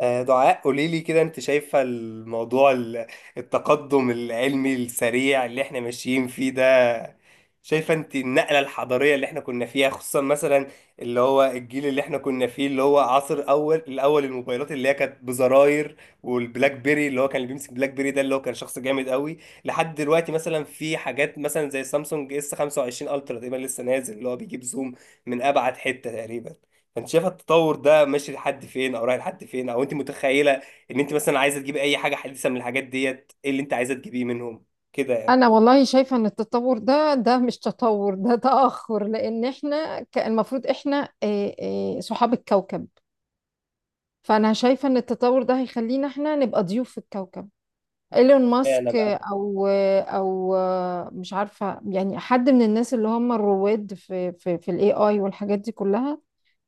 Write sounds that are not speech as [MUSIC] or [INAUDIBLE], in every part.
دعاء قولي لي كده، انت شايفة الموضوع التقدم العلمي السريع اللي احنا ماشيين فيه ده؟ شايفة انت النقلة الحضارية اللي احنا كنا فيها؟ خصوصا مثلا اللي هو الجيل اللي احنا كنا فيه، اللي هو عصر الاول الموبايلات اللي هي كانت بزراير، والبلاك بيري اللي هو كان، اللي بيمسك بلاك بيري ده اللي هو كان شخص جامد قوي. لحد دلوقتي مثلا في حاجات مثلا زي سامسونج اس 25 الترا تقريبا لسه نازل، اللي هو بيجيب زوم من ابعد حتة تقريبا. انت شايفه التطور ده ماشي لحد فين، او رايح لحد فين، او انت متخيله ان انت مثلا عايزه تجيبي اي حاجه حديثه من الحاجات ديت، ايه اللي انت عايزه تجيبيه منهم كده يعني؟ انا والله شايفه ان التطور ده مش تطور، ده تاخر لان احنا المفروض احنا صحاب الكوكب. فانا شايفه ان التطور ده هيخلينا احنا نبقى ضيوف في الكوكب. ايلون اشمعنى ماسك، آه، بقى؟ او آه، او آه، مش عارفه يعني حد من الناس اللي هم الرواد في الاي اي والحاجات دي كلها،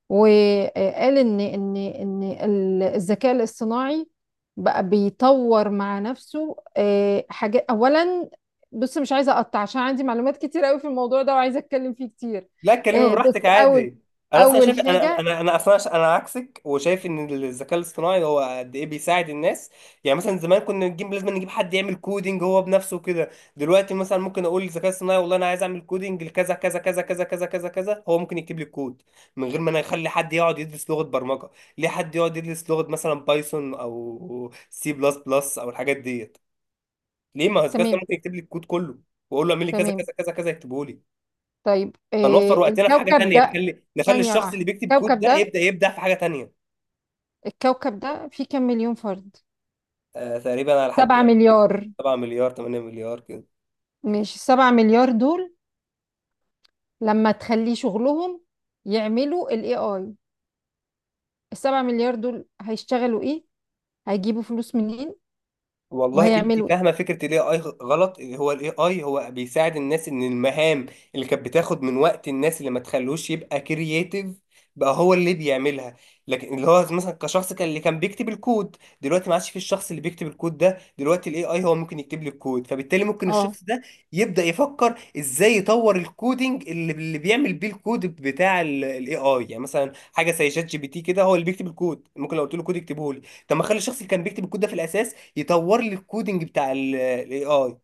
وقال ان الذكاء الاصطناعي بقى بيطور مع نفسه حاجات. اولا بص، مش عايزه اقطع عشان عندي معلومات كتير قوي في الموضوع ده وعايزه اتكلم فيه كتير. لا اتكلمي بص. براحتك اول عادي. انا اصلا اول شايف، انا حاجه. انا انا اصلا انا عكسك، وشايف ان الذكاء الاصطناعي هو قد ايه بيساعد الناس. يعني مثلا زمان كنا نجيب، لازم نجيب حد يعمل كودينج هو بنفسه كده. دلوقتي مثلا ممكن اقول للذكاء الاصطناعي والله انا عايز اعمل كودينج لكذا كذا كذا كذا كذا كذا كذا، هو ممكن يكتب لي الكود، من غير ما انا اخلي حد يقعد يدرس لغة برمجة. ليه حد يقعد يدرس لغة مثلا بايثون او سي بلس بلس او الحاجات ديت؟ ليه ما هو الذكاء تمام. الاصطناعي ممكن يكتب لي الكود كله، واقول له اعمل لي كذا تمام. كذا كذا كذا يكتبه لي. طيب فنوفر وقتنا في حاجه الكوكب تانية، ده، نخلي ثانيه الشخص اللي واحده. بيكتب كود الكوكب ده ده، يبدا يبدع في حاجه تانية. الكوكب ده فيه كام مليون فرد؟ آه تقريبا على حد سبعة علمي كده. مليار. 7 مليار 8 مليار كده. مش سبعة مليار دول لما تخليه شغلهم يعملوا ال AI، السبعة مليار دول هيشتغلوا ايه؟ هيجيبوا فلوس منين؟ والله انت وهيعملوا ايه؟ فاهمه فكره الاي اي غلط. اللي هو الاي اي هو بيساعد الناس ان المهام اللي كانت بتاخد من وقت الناس، اللي ما تخلوش يبقى كرييتيف، بقى هو اللي بيعملها. لكن اللي هو مثلا كشخص كان، اللي كان بيكتب الكود دلوقتي ما عادش، في الشخص اللي بيكتب الكود ده دلوقتي الاي اي هو ممكن يكتب لي الكود، فبالتالي ممكن اه، الشخص ده يبدا يفكر ازاي يطور الكودينج اللي بيعمل بيه الكود بتاع الاي اي. يعني مثلا حاجه زي شات جي بي تي كده هو اللي بيكتب الكود، ممكن لو قلت له كود يكتبه لي. طب ما اخلي الشخص اللي كان بيكتب الكود ده في الاساس يطور لي الكودينج بتاع الاي اي.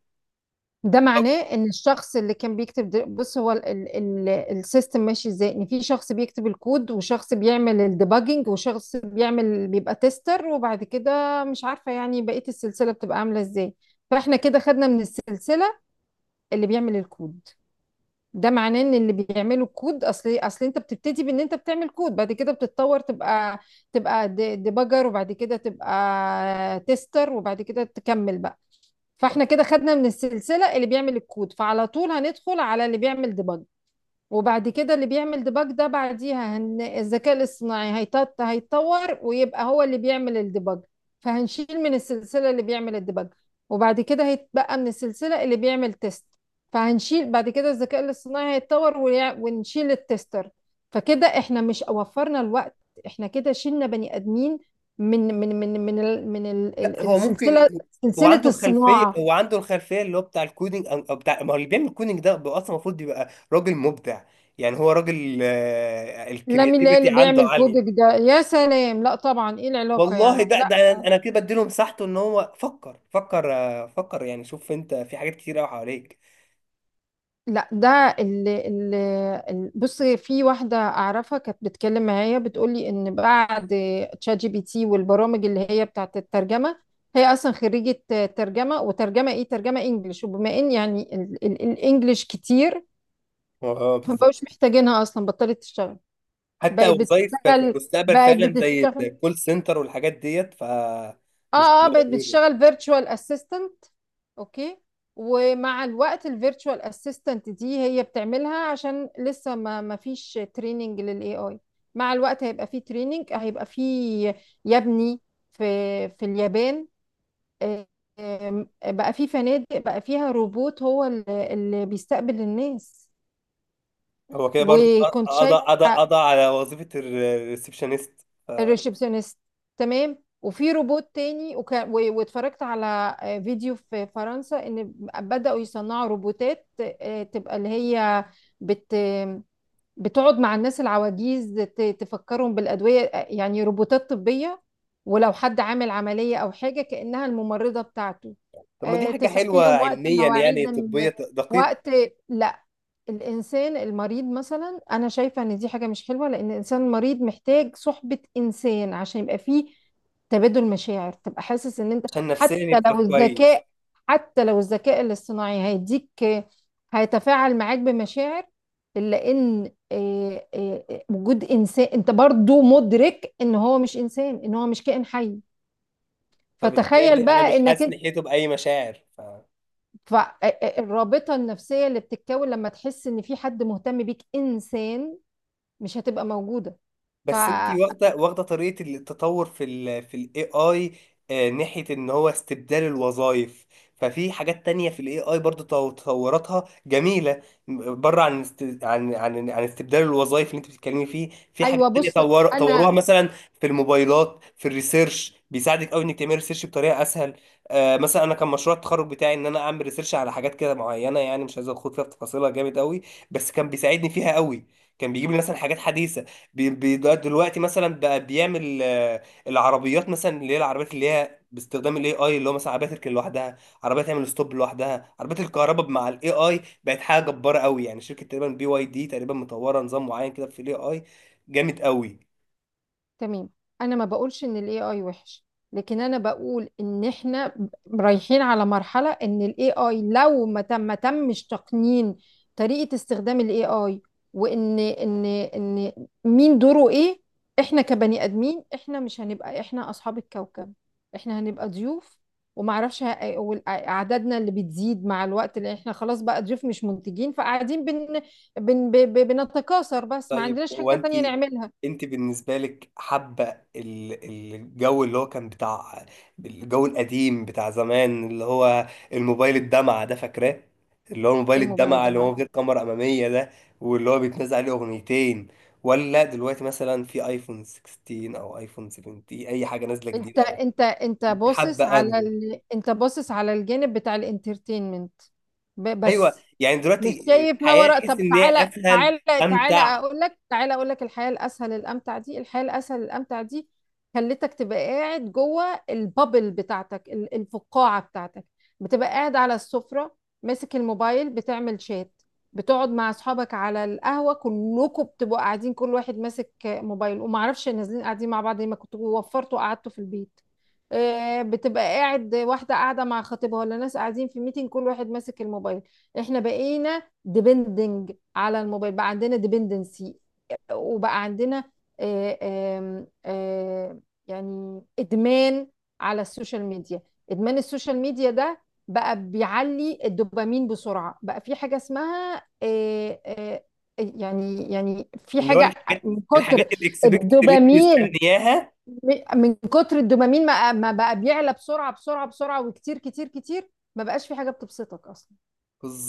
ده معناه ان الشخص اللي كان بيكتب بص، هو السيستم ماشي ازاي، ان في شخص بيكتب الكود وشخص بيعمل الديباجنج وشخص بيعمل، بيبقى تيستر، وبعد كده مش عارفة يعني بقية السلسلة بتبقى عاملة ازاي. فاحنا كده خدنا من السلسلة اللي بيعمل الكود. ده معناه ان اللي بيعملوا كود، اصل انت بتبتدي بان انت بتعمل كود، بعد كده بتتطور تبقى ديباجر، وبعد كده تبقى تيستر، وبعد كده تكمل بقى. فاحنا كده خدنا من السلسلة اللي بيعمل الكود، فعلى طول هندخل على اللي بيعمل ديباج. وبعد كده اللي بيعمل ديباج ده بعديها الذكاء الاصطناعي هيتطور ويبقى هو اللي بيعمل الديباج. فهنشيل من السلسلة اللي بيعمل الديباج. وبعد كده هيتبقى من السلسلة اللي بيعمل تيست، فهنشيل. بعد كده الذكاء الاصطناعي هيتطور، ونشيل التستر. فكده احنا مش وفرنا الوقت، احنا كده شلنا بني ادمين من من من من ال... من ال... لا ال- هو ممكن، السلسلة، هو سلسلة عنده الخلفيه، الصناعة. هو عنده الخلفيه اللي هو بتاع الكودينج او أو بتاع، ما هو اللي بيعمل الكودينج ده بيبقى اصلا المفروض يبقى راجل مبدع. يعني هو راجل لا، مين الكرياتيفيتي اللي عنده بيعمل كودك عاليه. ده يا سلام، لا طبعا، ايه العلاقة والله يعني؟ ده ده، لا، أنا كده بديله مساحته ان هو فكر، فكر، فكر يعني. شوف انت في حاجات كتير قوي حواليك. لا، ده اللي بص، في واحدة أعرفها كانت بتتكلم معايا بتقولي إن بعد تشات جي بي تي والبرامج اللي هي بتاعت الترجمة، هي أصلا خريجة ترجمة. وترجمة إيه؟ ترجمة إنجليش. وبما إن يعني الإنجليش كتير، اه بالظبط. فمبقوش محتاجينها، أصلا بطلت تشتغل. حتى بقت وظايف في بتشتغل، المستقبل بقت فعلا زي بتشتغل، الكول سنتر والحاجات ديت ف مش اه، اه، هتبقى بقت موجودة. بتشتغل فيرتشوال اسيستنت. اوكي. ومع الوقت الفيرتشوال اسيستنت دي هي بتعملها عشان لسه ما فيش تريننج للاي اي. مع الوقت هيبقى فيه تريننج، هيبقى فيه. يبني، في في اليابان آه، آم، بقى فيه فنادق، بقى فيها روبوت هو اللي بيستقبل الناس. هو كده برضه، وكنت قضى قضى شايفة قضى على وظيفة الريسبشنست. الريسبشنست. تمام. وفي روبوت تاني، واتفرجت على فيديو في فرنسا ان بدأوا يصنعوا روبوتات تبقى اللي هي بت بتقعد مع الناس العواجيز، تفكرهم بالأدوية. يعني روبوتات طبية، ولو حد عامل عملية أو حاجة كأنها الممرضة بتاعته. طب ما دي حاجة حلوة تصحيهم وقت علميا، يعني مواعيد طبية دقيقة. وقت. لا، الإنسان المريض مثلا، أنا شايفة إن دي حاجة مش حلوة، لأن الإنسان المريض محتاج صحبة إنسان عشان يبقى فيه تبادل مشاعر، تبقى حاسس إن أنت. عشان نفسيا حتى يبقى لو كويس. الذكاء حتى لو الذكاء الاصطناعي هيديك، هيتفاعل معاك بمشاعر، إلا إن وجود إنسان، أنت برضو مدرك إن هو مش إنسان، إن هو مش كائن حي. فتخيل فبالتالي أنا بقى مش إنك حاسس أنت، ناحيته بأي مشاعر ف... فالرابطة النفسية اللي بتتكون لما تحس إن في حد مهتم بيك إنسان، مش هتبقى موجودة. بس انت فأيوة، واخده طريقه التطور في ال في الاي اي ناحيه ان هو استبدال الوظائف. ففي حاجات تانية في الاي اي برضو تطوراتها جميله، بره عن عن استبدال الوظائف اللي انت بتتكلمي فيه. في حاجات تانية بص طوروها أنا مثلا في الموبايلات، في الريسيرش بيساعدك قوي انك تعملي ريسيرش بطريقه اسهل. آه مثلا انا كان مشروع التخرج بتاعي ان انا اعمل ريسيرش على حاجات كده معينه، يعني مش عايز ادخل فيها في تفاصيلها جامد قوي، بس كان بيساعدني فيها قوي. كان بيجيب لي مثلا حاجات حديثه. دلوقتي مثلا بقى بيعمل العربيات مثلا، اللي هي العربيات اللي هي باستخدام الاي اي اللي هو مثلا عربيه تركن لوحدها، عربيه تعمل ستوب لوحدها، عربيه الكهرباء مع الاي اي بقت حاجه جباره قوي. يعني شركه تقريبا بي واي دي تقريبا مطوره نظام معين كده في الاي اي جامد قوي. تمام. انا ما بقولش ان الاي اي وحش، لكن انا بقول ان احنا رايحين على مرحله ان الاي اي لو ما تمش تقنين طريقه استخدام الاي اي، وان ان ان مين دوره ايه، احنا كبني ادمين احنا مش هنبقى احنا اصحاب الكوكب، احنا هنبقى ضيوف. ومعرفش اعدادنا اللي بتزيد مع الوقت، اللي احنا خلاص بقى ضيوف مش منتجين، فقاعدين بنتكاثر بس ما طيب عندناش هو حاجه انت، تانية نعملها. انت بالنسبه لك حابه الجو اللي هو كان بتاع، الجو القديم بتاع زمان، اللي هو الموبايل الدمعه ده، فاكراه؟ اللي هو موبايل الموبايل الدمعه ده، اللي هو غير كاميرا اماميه ده، واللي هو بيتنزل عليه اغنيتين، ولا دلوقتي مثلا في ايفون 16 او ايفون 17 اي حاجه نازله جديده قوي؟ انت باصص حابه على انهي؟ ال... انت باصص على الجانب بتاع الانترتينمنت ايوه. بس، يعني مش دلوقتي شايف ما الحياه وراء. تحس طب ان هي تعالى، اسهل، تعالى، امتع. تعالى اقول لك الحياه الاسهل الامتع دي خلتك تبقى قاعد جوه البابل بتاعتك، الفقاعه بتاعتك، بتبقى قاعد على السفره ماسك الموبايل بتعمل شات، بتقعد مع اصحابك على القهوه كلكم بتبقوا قاعدين كل واحد ماسك موبايل وما اعرفش، نازلين قاعدين مع بعض ليه، ما كنتوا وفرتوا قعدتوا في البيت. بتبقى قاعد، واحده قاعده مع خطيبها، ولا ناس قاعدين في ميتنج كل واحد ماسك الموبايل. احنا بقينا ديبندنج على الموبايل، بقى عندنا ديبندنسي، وبقى عندنا آه، آم، آه، يعني ادمان على السوشيال ميديا. ادمان السوشيال ميديا ده بقى بيعلي الدوبامين بسرعة، بقى في حاجة اسمها يعني، في اللي هو حاجة. الحاجات، من الحاجات كتر الاكسبكتد اللي انت الدوبامين مستنياها. من كتر الدوبامين ما بقى بيعلى بسرعة بسرعة بسرعة وكتير كتير كتير، ما بقاش في حاجة بتبسطك أصلا.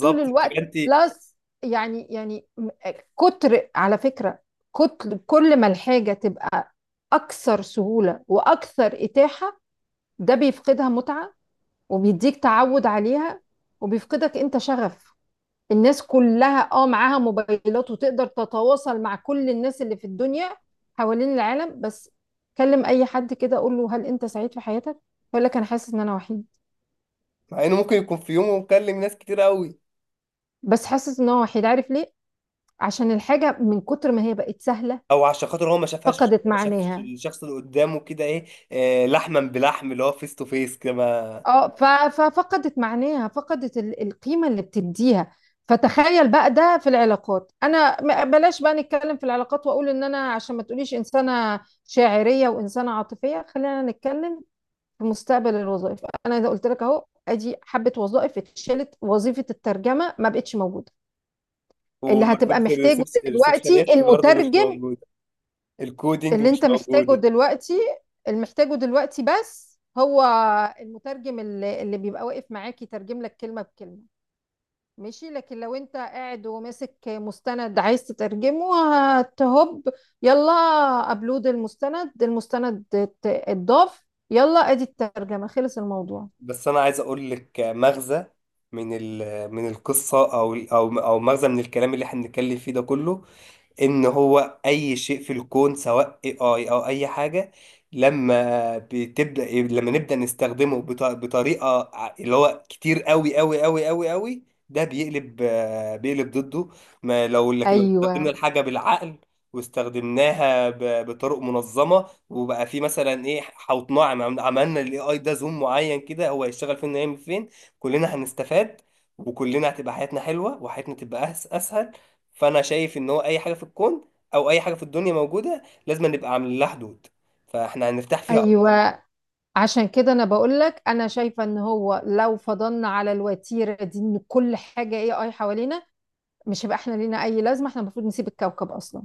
طول الوقت بتبقى انت، بلس، يعني يعني م- كتر على فكرة. كتر، كل ما الحاجة تبقى أكثر سهولة وأكثر إتاحة، ده بيفقدها متعة وبيديك تعود عليها وبيفقدك أنت شغف. الناس كلها اه معاها موبايلات وتقدر تتواصل مع كل الناس اللي في الدنيا حوالين العالم، بس كلم أي حد كده قول له هل أنت سعيد في حياتك؟ يقول لك أنا حاسس إن أنا وحيد. مع انه ممكن يكون في يومه مكلم ناس كتير قوي، بس حاسس إن هو وحيد، عارف ليه؟ عشان الحاجة من كتر ما هي بقت سهلة او عشان خاطر هو ما شافهاش، فقدت ما شافش معناها. الشخص اللي قدامه كده ايه. آه لحما بلحم، اللي هو فيس تو فيس كما. اه، ففقدت معناها، فقدت القيمة اللي بتديها. فتخيل بقى ده في العلاقات. انا بلاش بقى نتكلم في العلاقات واقول ان انا، عشان ما تقوليش انسانة شاعرية وانسانة عاطفية، خلينا نتكلم في مستقبل الوظائف. انا اذا قلت لك اهو ادي حبة وظائف اتشالت، وظيفة الترجمة ما بقتش موجودة. اللي هتبقى ومرتبه. محتاجه دلوقتي الريسبشنست برضه مش المترجم، موجوده، الكودينج اللي مش انت محتاجه موجوده. دلوقتي، اللي محتاجه دلوقتي بس، هو المترجم اللي بيبقى واقف معاك يترجم لك كلمة بكلمة، ماشي. لكن لو انت قاعد وماسك مستند عايز تترجمه، هتهب، يلا، ابلود المستند، المستند اتضاف، يلا ادي الترجمة، خلص الموضوع. بس انا عايز اقول لك مغزى من ال من القصه، او مغزى من الكلام اللي احنا بنتكلم فيه ده كله، ان هو اي شيء في الكون سواء اي اي او اي حاجه، لما بتبدا لما نبدا نستخدمه بطريقه اللي هو كتير قوي قوي قوي قوي قوي، ده بيقلب، بيقلب ضده. ما لو لكن لو ايوه، استخدمنا الحاجه بالعقل واستخدمناها بطرق منظمه، وبقى في مثلا ايه، حوطناه، عملنا الاي اي ده زوم معين كده هو هيشتغل فين ويعمل فين، كلنا هنستفاد. وكلنا هتبقى حياتنا حلوه، وحياتنا تبقى اسهل. فانا شايف ان هو اي حاجه في الكون او اي حاجه في الدنيا موجوده لازم نبقى عاملين لها حدود، فاحنا هنرتاح فيها اكتر. ايوه. عشان كده انا بقول لك انا شايفه ان هو لو فضلنا على الوتيره دي ان كل حاجه اي اي حوالينا، مش هيبقى احنا لينا اي لازمه، احنا المفروض نسيب الكوكب اصلا.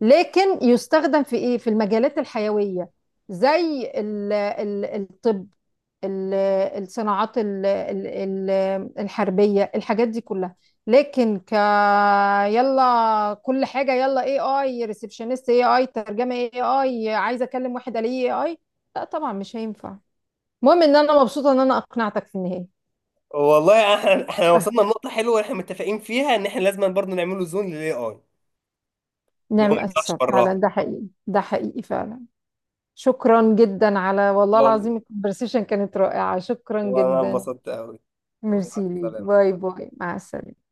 لكن يستخدم في ايه؟ في المجالات الحيويه زي ال ال الطب، ال- الصناعات الحربيه، الحاجات دي كلها. لكن يلا كل حاجه، يلا اي اي ريسبشنست، اي اي ترجمه، اي اي عايزه اكلم واحد عليه اي اي، لا طبعا مش هينفع. المهم ان انا مبسوطه ان انا اقنعتك في النهايه. والله احنا وصلنا [LAUGHS] لنقطه حلوه احنا متفقين فيها، ان احنا لازم برضه نعمله زون للاي اي، ان هو ما نعم، يطلعش السبب فعلا براها. ده حقيقي، ده حقيقي فعلا. شكرا جدا، على والله والله العظيم الكونفرسيشن كانت رائعة، شكرا وانا جدا. انبسطت قوي. مع ميرسي ليك، السلامه. باي باي، مع السلامة.